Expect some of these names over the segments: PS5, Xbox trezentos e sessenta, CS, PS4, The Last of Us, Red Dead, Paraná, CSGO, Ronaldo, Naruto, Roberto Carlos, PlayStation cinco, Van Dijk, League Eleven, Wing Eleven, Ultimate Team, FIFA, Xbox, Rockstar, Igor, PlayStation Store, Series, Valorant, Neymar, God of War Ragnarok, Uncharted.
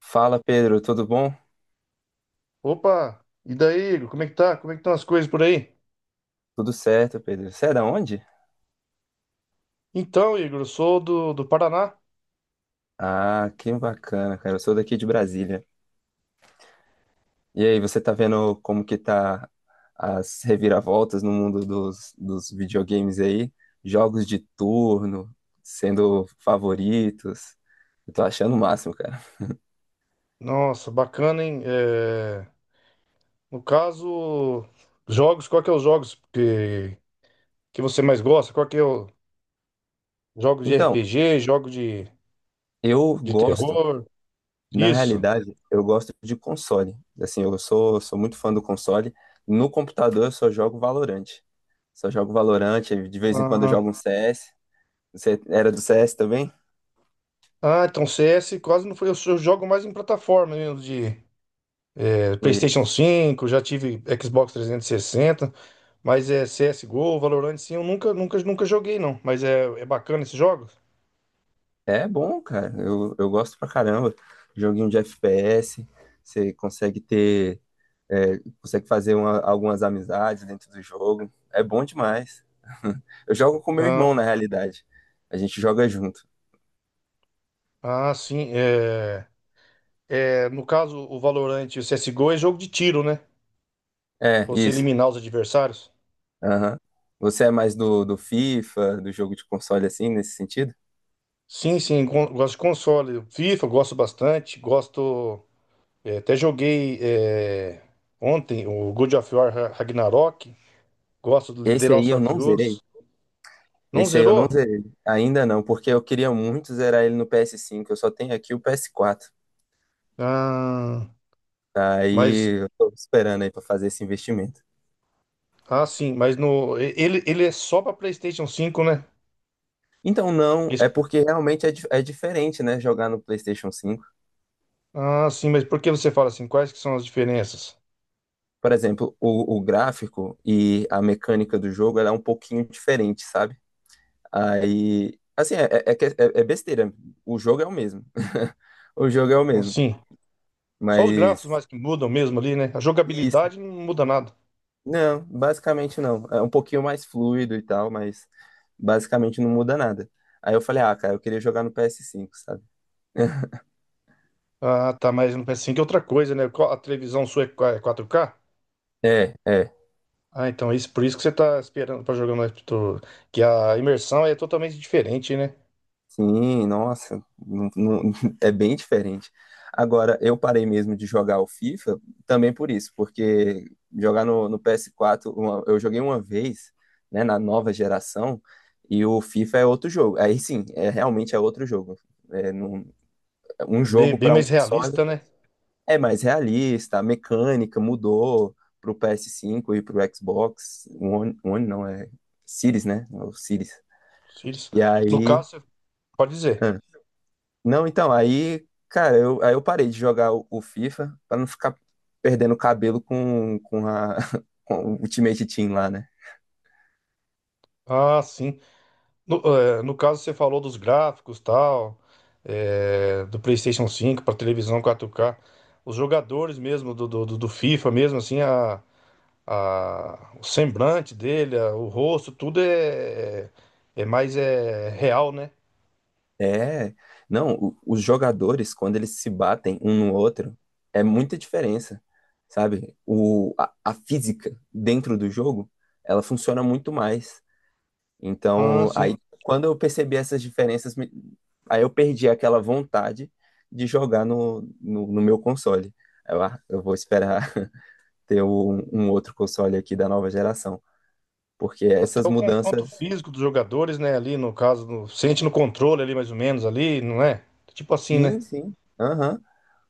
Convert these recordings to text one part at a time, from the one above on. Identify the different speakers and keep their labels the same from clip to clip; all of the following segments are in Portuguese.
Speaker 1: Fala, Pedro, tudo bom?
Speaker 2: Opa! E daí, Igor? Como é que tá? Como é que estão as coisas por aí?
Speaker 1: Tudo certo, Pedro. Você é da onde?
Speaker 2: Então, Igor, eu sou do Paraná.
Speaker 1: Ah, que bacana, cara. Eu sou daqui de Brasília. E aí, você tá vendo como que tá as reviravoltas no mundo dos videogames aí? Jogos de turno sendo favoritos. Eu tô achando o máximo, cara.
Speaker 2: Nossa, bacana, hein? No caso, jogos, qual que é os jogos que você mais gosta? Qual que é o... Jogos de
Speaker 1: Então,
Speaker 2: RPG, jogo
Speaker 1: eu
Speaker 2: de
Speaker 1: gosto,
Speaker 2: terror?
Speaker 1: na
Speaker 2: Isso.
Speaker 1: realidade, eu gosto de console. Assim, eu sou muito fã do console. No computador, eu só jogo Valorant. Só jogo Valorant, de vez em quando eu
Speaker 2: Ah,
Speaker 1: jogo um CS. Você era do CS também?
Speaker 2: ah, então CS quase não foi. Só jogo mais em plataforma mesmo, de PlayStation
Speaker 1: Isso.
Speaker 2: 5. Já tive Xbox 360. Mas é CSGO, Valorant, sim, eu nunca, nunca, nunca joguei, não. Mas é bacana esses jogos?
Speaker 1: É bom, cara. Eu gosto pra caramba. Joguinho de FPS, você consegue ter, consegue fazer algumas amizades dentro do jogo. É bom demais. Eu jogo com meu
Speaker 2: Ah,
Speaker 1: irmão, na realidade. A gente joga junto.
Speaker 2: ah, sim. No caso, o Valorant e o CSGO é jogo de tiro, né?
Speaker 1: É,
Speaker 2: Você
Speaker 1: isso.
Speaker 2: eliminar os adversários.
Speaker 1: Aham. Você é mais do FIFA, do jogo de console assim, nesse sentido?
Speaker 2: Sim, sim, gosto de console. FIFA, gosto bastante. Gosto. Até joguei é, ontem o God of War Ragnarok. Gosto do The
Speaker 1: Esse aí
Speaker 2: Last
Speaker 1: eu
Speaker 2: of
Speaker 1: não
Speaker 2: Us.
Speaker 1: zerei.
Speaker 2: Não
Speaker 1: Esse aí eu não
Speaker 2: zerou?
Speaker 1: zerei. Ainda não, porque eu queria muito zerar ele no PS5. Eu só tenho aqui o PS4.
Speaker 2: Ah, mas.
Speaker 1: Aí eu tô esperando aí pra fazer esse investimento.
Speaker 2: Ah, sim, mas no. e- ele é só pra PlayStation 5, né?
Speaker 1: Então, não,
Speaker 2: Esse
Speaker 1: é porque realmente é diferente, né? Jogar no PlayStation 5.
Speaker 2: Ah, sim, mas por que você fala assim? Quais que são as diferenças?
Speaker 1: Por exemplo, o gráfico e a mecânica do jogo ela é um pouquinho diferente, sabe? Aí, assim, é besteira. O jogo é o mesmo. O jogo é o mesmo.
Speaker 2: Assim, só os gráficos
Speaker 1: Mas,
Speaker 2: mais que mudam mesmo ali, né? A
Speaker 1: isso.
Speaker 2: jogabilidade não muda nada.
Speaker 1: Não, basicamente não. É um pouquinho mais fluido e tal, mas basicamente não muda nada. Aí eu falei, ah, cara, eu queria jogar no PS5, sabe?
Speaker 2: Ah, tá, mas não pensei que é outra coisa, né? A televisão sua é é 4K?
Speaker 1: É, é.
Speaker 2: Ah, então isso, por isso que você tá esperando pra jogar mais que a imersão é totalmente diferente, né?
Speaker 1: Sim, nossa, é bem diferente. Agora, eu parei mesmo de jogar o FIFA também por isso, porque jogar no PS4, eu joguei uma vez, né, na nova geração, e o FIFA é outro jogo. Aí sim, realmente é outro jogo. É um
Speaker 2: É bem,
Speaker 1: jogo
Speaker 2: bem
Speaker 1: para um
Speaker 2: mais
Speaker 1: console
Speaker 2: realista, né?
Speaker 1: é mais realista, a mecânica mudou pro PS5 e pro Xbox One. One não, é Series, né? É O Series.
Speaker 2: Os filhos.
Speaker 1: E
Speaker 2: No
Speaker 1: aí.
Speaker 2: caso, você pode dizer.
Speaker 1: Não, então, aí, cara, aí eu parei de jogar o FIFA pra não ficar perdendo cabelo com o Ultimate Team lá, né?
Speaker 2: Ah, sim. No, no caso, você falou dos gráficos tal, do PlayStation 5 para televisão 4K. Os jogadores mesmo do FIFA mesmo, assim, o semblante dele, o rosto, tudo é mais real, né?
Speaker 1: É, não, os jogadores, quando eles se batem um no outro, é muita diferença, sabe? A física dentro do jogo, ela funciona muito mais.
Speaker 2: Ah,
Speaker 1: Então,
Speaker 2: assim,
Speaker 1: aí, quando eu percebi essas diferenças, aí eu perdi aquela vontade de jogar no meu console. Aí eu vou esperar ter um outro console aqui da nova geração. Porque
Speaker 2: até
Speaker 1: essas
Speaker 2: o confronto
Speaker 1: mudanças.
Speaker 2: físico dos jogadores, né? Ali no caso, sente no controle ali mais ou menos ali, não é? Tipo assim, né?
Speaker 1: Sim, sim. Aham.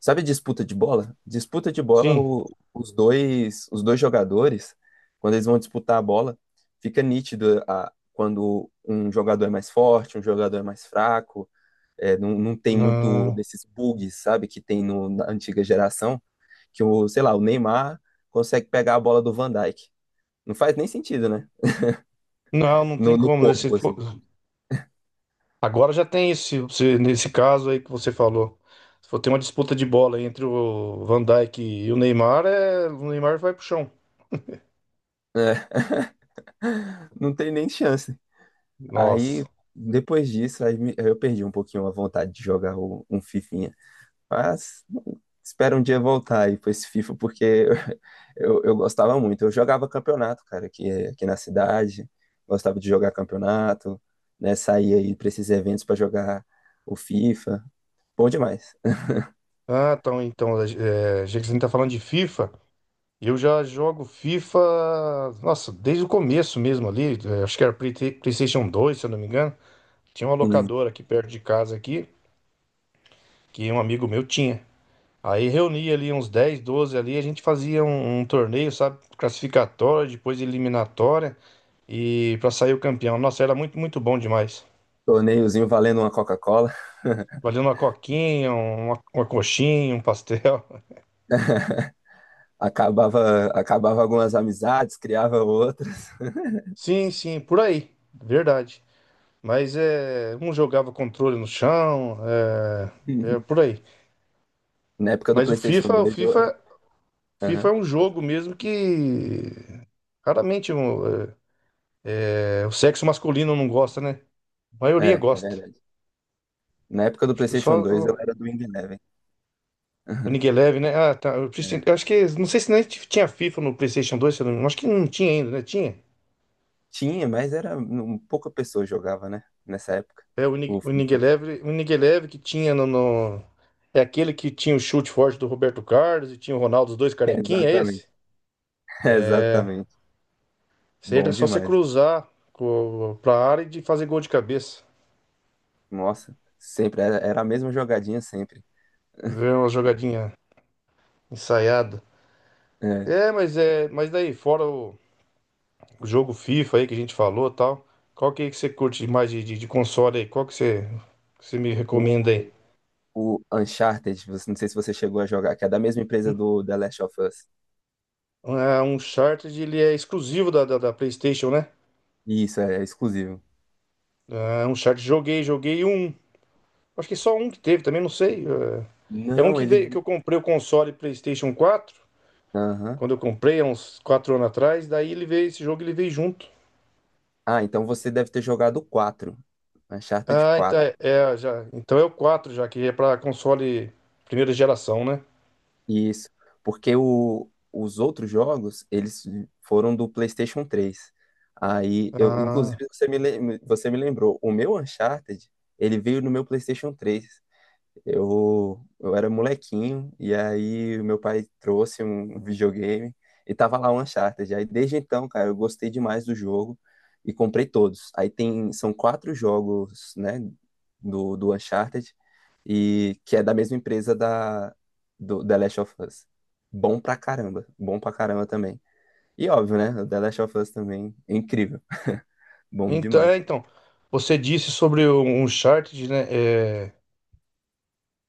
Speaker 1: Sabe disputa de bola? Disputa de bola,
Speaker 2: Sim.
Speaker 1: os dois jogadores, quando eles vão disputar a bola, fica nítido quando um jogador é mais forte, um jogador é mais fraco. Não, não tem muito
Speaker 2: não
Speaker 1: desses bugs, sabe, que tem na antiga geração, que o, sei lá, o Neymar consegue pegar a bola do Van Dijk. Não faz nem sentido, né?
Speaker 2: não tem
Speaker 1: No
Speaker 2: como, né?
Speaker 1: corpo, assim.
Speaker 2: Agora já tem isso, se você- nesse caso aí que você falou. Se for ter uma disputa de bola entre o Van Dijk e o Neymar, é, o Neymar vai pro chão.
Speaker 1: É, não tem nem chance. Aí,
Speaker 2: Nossa.
Speaker 1: depois disso, eu perdi um pouquinho a vontade de jogar um fifinha. Mas espero um dia voltar aí pra esse FIFA, porque eu, gostava muito. Eu jogava campeonato, cara, aqui na cidade. Gostava de jogar campeonato, né? Saía aí pra esses eventos pra jogar o FIFA. Bom demais.
Speaker 2: É, já que você tá falando de FIFA, eu já jogo FIFA, nossa, desde o começo mesmo ali, é, acho que era PlayStation 2 se eu não me engano. Tinha uma
Speaker 1: Um
Speaker 2: locadora aqui perto de casa aqui, que um amigo meu tinha. Aí reunia ali uns 10 12 ali, a gente fazia um torneio, sabe? Classificatório, depois eliminatória e pra sair o campeão. Nossa, era muito, muito bom demais.
Speaker 1: torneiozinho valendo uma Coca-Cola.
Speaker 2: Valendo uma coquinha, uma coxinha, um pastel.
Speaker 1: Acabava algumas amizades, criava outras.
Speaker 2: Sim, sim, por aí, verdade. Mas é, um jogava controle no chão, é por aí.
Speaker 1: Na época do
Speaker 2: Mas o
Speaker 1: PlayStation 2 eu era.
Speaker 2: FIFA, FIFA
Speaker 1: Aham.
Speaker 2: é um jogo mesmo que raramente o sexo masculino não gosta, né? A maioria
Speaker 1: É, é
Speaker 2: gosta.
Speaker 1: verdade. Na época do
Speaker 2: Acho que só
Speaker 1: PlayStation 2, eu era do Wing Eleven.
Speaker 2: o League 11, né? Ah, tá. Eu
Speaker 1: É.
Speaker 2: acho que. Não sei se nem tinha FIFA no PlayStation 2 se eu não... acho que não tinha ainda, né? Tinha.
Speaker 1: Tinha, mas era pouca pessoa jogava, né? Nessa época.
Speaker 2: É o
Speaker 1: O
Speaker 2: o League
Speaker 1: FIFA.
Speaker 2: 11, o League 11 que tinha no. É aquele que tinha o chute forte do Roberto Carlos e tinha o Ronaldo, os dois carequinha, é
Speaker 1: Exatamente.
Speaker 2: esse?
Speaker 1: Exatamente.
Speaker 2: Isso aí era
Speaker 1: Bom
Speaker 2: só você
Speaker 1: demais.
Speaker 2: cruzar pra área e de fazer gol de cabeça.
Speaker 1: Nossa, sempre era a mesma jogadinha sempre.
Speaker 2: É uma jogadinha ensaiada.
Speaker 1: É.
Speaker 2: É. Mas daí, fora o jogo FIFA aí que a gente falou e tal, é que você curte mais de console aí? Qual que que você me recomenda
Speaker 1: O,
Speaker 2: aí?
Speaker 1: o Uncharted, não sei se você chegou a jogar, que é da mesma empresa do The Last of Us.
Speaker 2: É, um Uncharted, ele é exclusivo da PlayStation, né?
Speaker 1: Isso, é exclusivo.
Speaker 2: É, um Uncharted, joguei, joguei um. Acho que só um que teve, também não sei. É um
Speaker 1: Não,
Speaker 2: que veio, que
Speaker 1: ele.
Speaker 2: eu comprei o console PlayStation 4
Speaker 1: Aham.
Speaker 2: quando eu comprei, há uns 4 anos atrás. Daí ele veio, esse jogo ele veio junto.
Speaker 1: Ah, então você deve ter jogado o 4. Uncharted
Speaker 2: Ah, então
Speaker 1: 4.
Speaker 2: então é o 4 já, que é para console primeira geração, né?
Speaker 1: Isso, porque os outros jogos, eles foram do PlayStation 3. Aí eu,
Speaker 2: Ah,
Speaker 1: inclusive, você me lembrou, o meu Uncharted, ele veio no meu PlayStation 3. Eu era molequinho e aí o meu pai trouxe um videogame e tava lá o Uncharted. Aí desde então, cara, eu gostei demais do jogo e comprei todos. Aí são quatro jogos, né, do Uncharted e que é da mesma empresa da do The Last of Us. Bom pra caramba também. E óbvio, né, o The Last of Us também é incrível, bom
Speaker 2: então,
Speaker 1: demais.
Speaker 2: é, então, você disse sobre o Uncharted, né? É,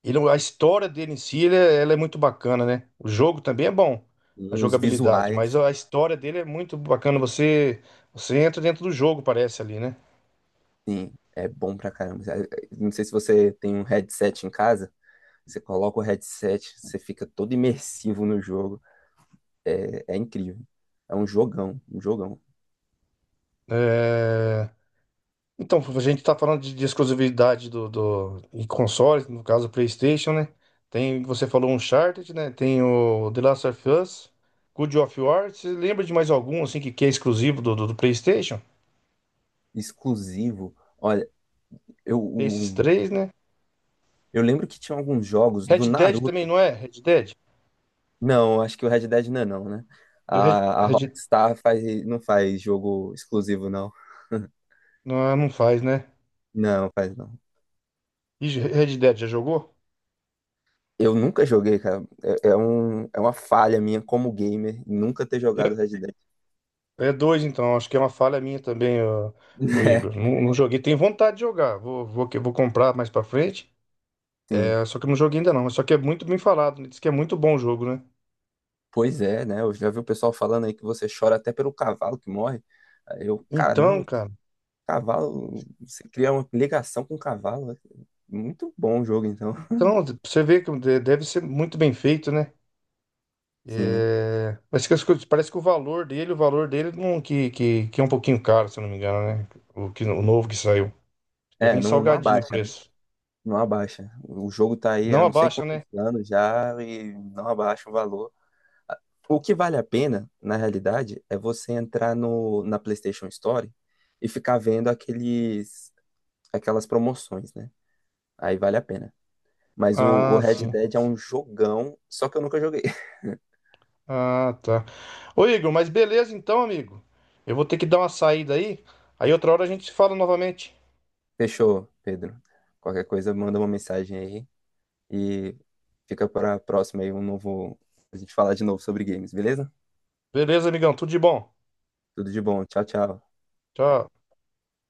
Speaker 2: A história dele em si, ela é muito bacana, né? O jogo também é bom,
Speaker 1: E
Speaker 2: a
Speaker 1: os
Speaker 2: jogabilidade,
Speaker 1: visuais.
Speaker 2: mas a história dele é muito bacana. Você entra dentro do jogo, parece ali, né?
Speaker 1: Sim, é bom pra caramba. Não sei se você tem um headset em casa, você coloca o headset, você fica todo imersivo no jogo. É incrível. É um jogão, um jogão.
Speaker 2: É, então, a gente tá falando de exclusividade do em consoles, no caso, PlayStation, né? Tem, você falou Uncharted, né? Tem o The Last of Us, God of War. Você lembra de mais algum, assim, que é exclusivo do PlayStation?
Speaker 1: Exclusivo. Olha, eu,
Speaker 2: Tem esses
Speaker 1: o-
Speaker 2: 3, né?
Speaker 1: eu lembro que tinha alguns jogos do
Speaker 2: Red Dead também,
Speaker 1: Naruto.
Speaker 2: não é? Red Dead?
Speaker 1: Não, acho que o Red Dead não é não, né?
Speaker 2: Red,
Speaker 1: A
Speaker 2: Red-
Speaker 1: Rockstar faz, não faz jogo exclusivo, não.
Speaker 2: Não, não faz, né?
Speaker 1: Não, faz não.
Speaker 2: E Red Dead já jogou?
Speaker 1: Eu nunca joguei, cara. É uma falha minha como gamer nunca ter
Speaker 2: Eu-
Speaker 1: jogado Red Dead.
Speaker 2: É 2, então. Acho que é uma falha minha também, ô
Speaker 1: É,
Speaker 2: Igor. Não, não joguei. Tenho vontade de jogar. Vou comprar mais pra frente.
Speaker 1: sim.
Speaker 2: É, só que eu não joguei ainda não. Só que é muito bem falado. Né? Diz que é muito bom o jogo, né?
Speaker 1: Pois é, né? Eu já vi o pessoal falando aí que você chora até pelo cavalo que morre. Aí eu,
Speaker 2: Então,
Speaker 1: caramba,
Speaker 2: cara.
Speaker 1: cavalo, você cria uma ligação com o cavalo, né? Muito bom o jogo, então.
Speaker 2: Então, você vê que deve ser muito bem feito, né?
Speaker 1: Sim.
Speaker 2: É, mas que parece que o valor dele não, que é um pouquinho caro, se eu não me engano, né? O novo que saiu. Que é
Speaker 1: É,
Speaker 2: bem
Speaker 1: não, não
Speaker 2: salgadinho o
Speaker 1: abaixa, né?
Speaker 2: preço.
Speaker 1: Não abaixa. O jogo tá aí
Speaker 2: Não
Speaker 1: há não sei
Speaker 2: abaixa,
Speaker 1: quantos
Speaker 2: né?
Speaker 1: anos já e não abaixa o valor. O que vale a pena, na realidade, é você entrar no, na PlayStation Store e ficar vendo aquelas promoções, né? Aí vale a pena. Mas o
Speaker 2: Ah,
Speaker 1: Red
Speaker 2: sim.
Speaker 1: Dead é um jogão, só que eu nunca joguei.
Speaker 2: Ah, tá. Ô Igor, mas beleza então, amigo. Eu vou ter que dar uma saída aí. Aí outra hora a gente se fala novamente.
Speaker 1: Fechou, Pedro. Qualquer coisa, manda uma mensagem aí e fica para a próxima aí um novo. A gente falar de novo sobre games, beleza?
Speaker 2: Beleza, amigão? Tudo de bom.
Speaker 1: Tudo de bom. Tchau, tchau.
Speaker 2: Tchau.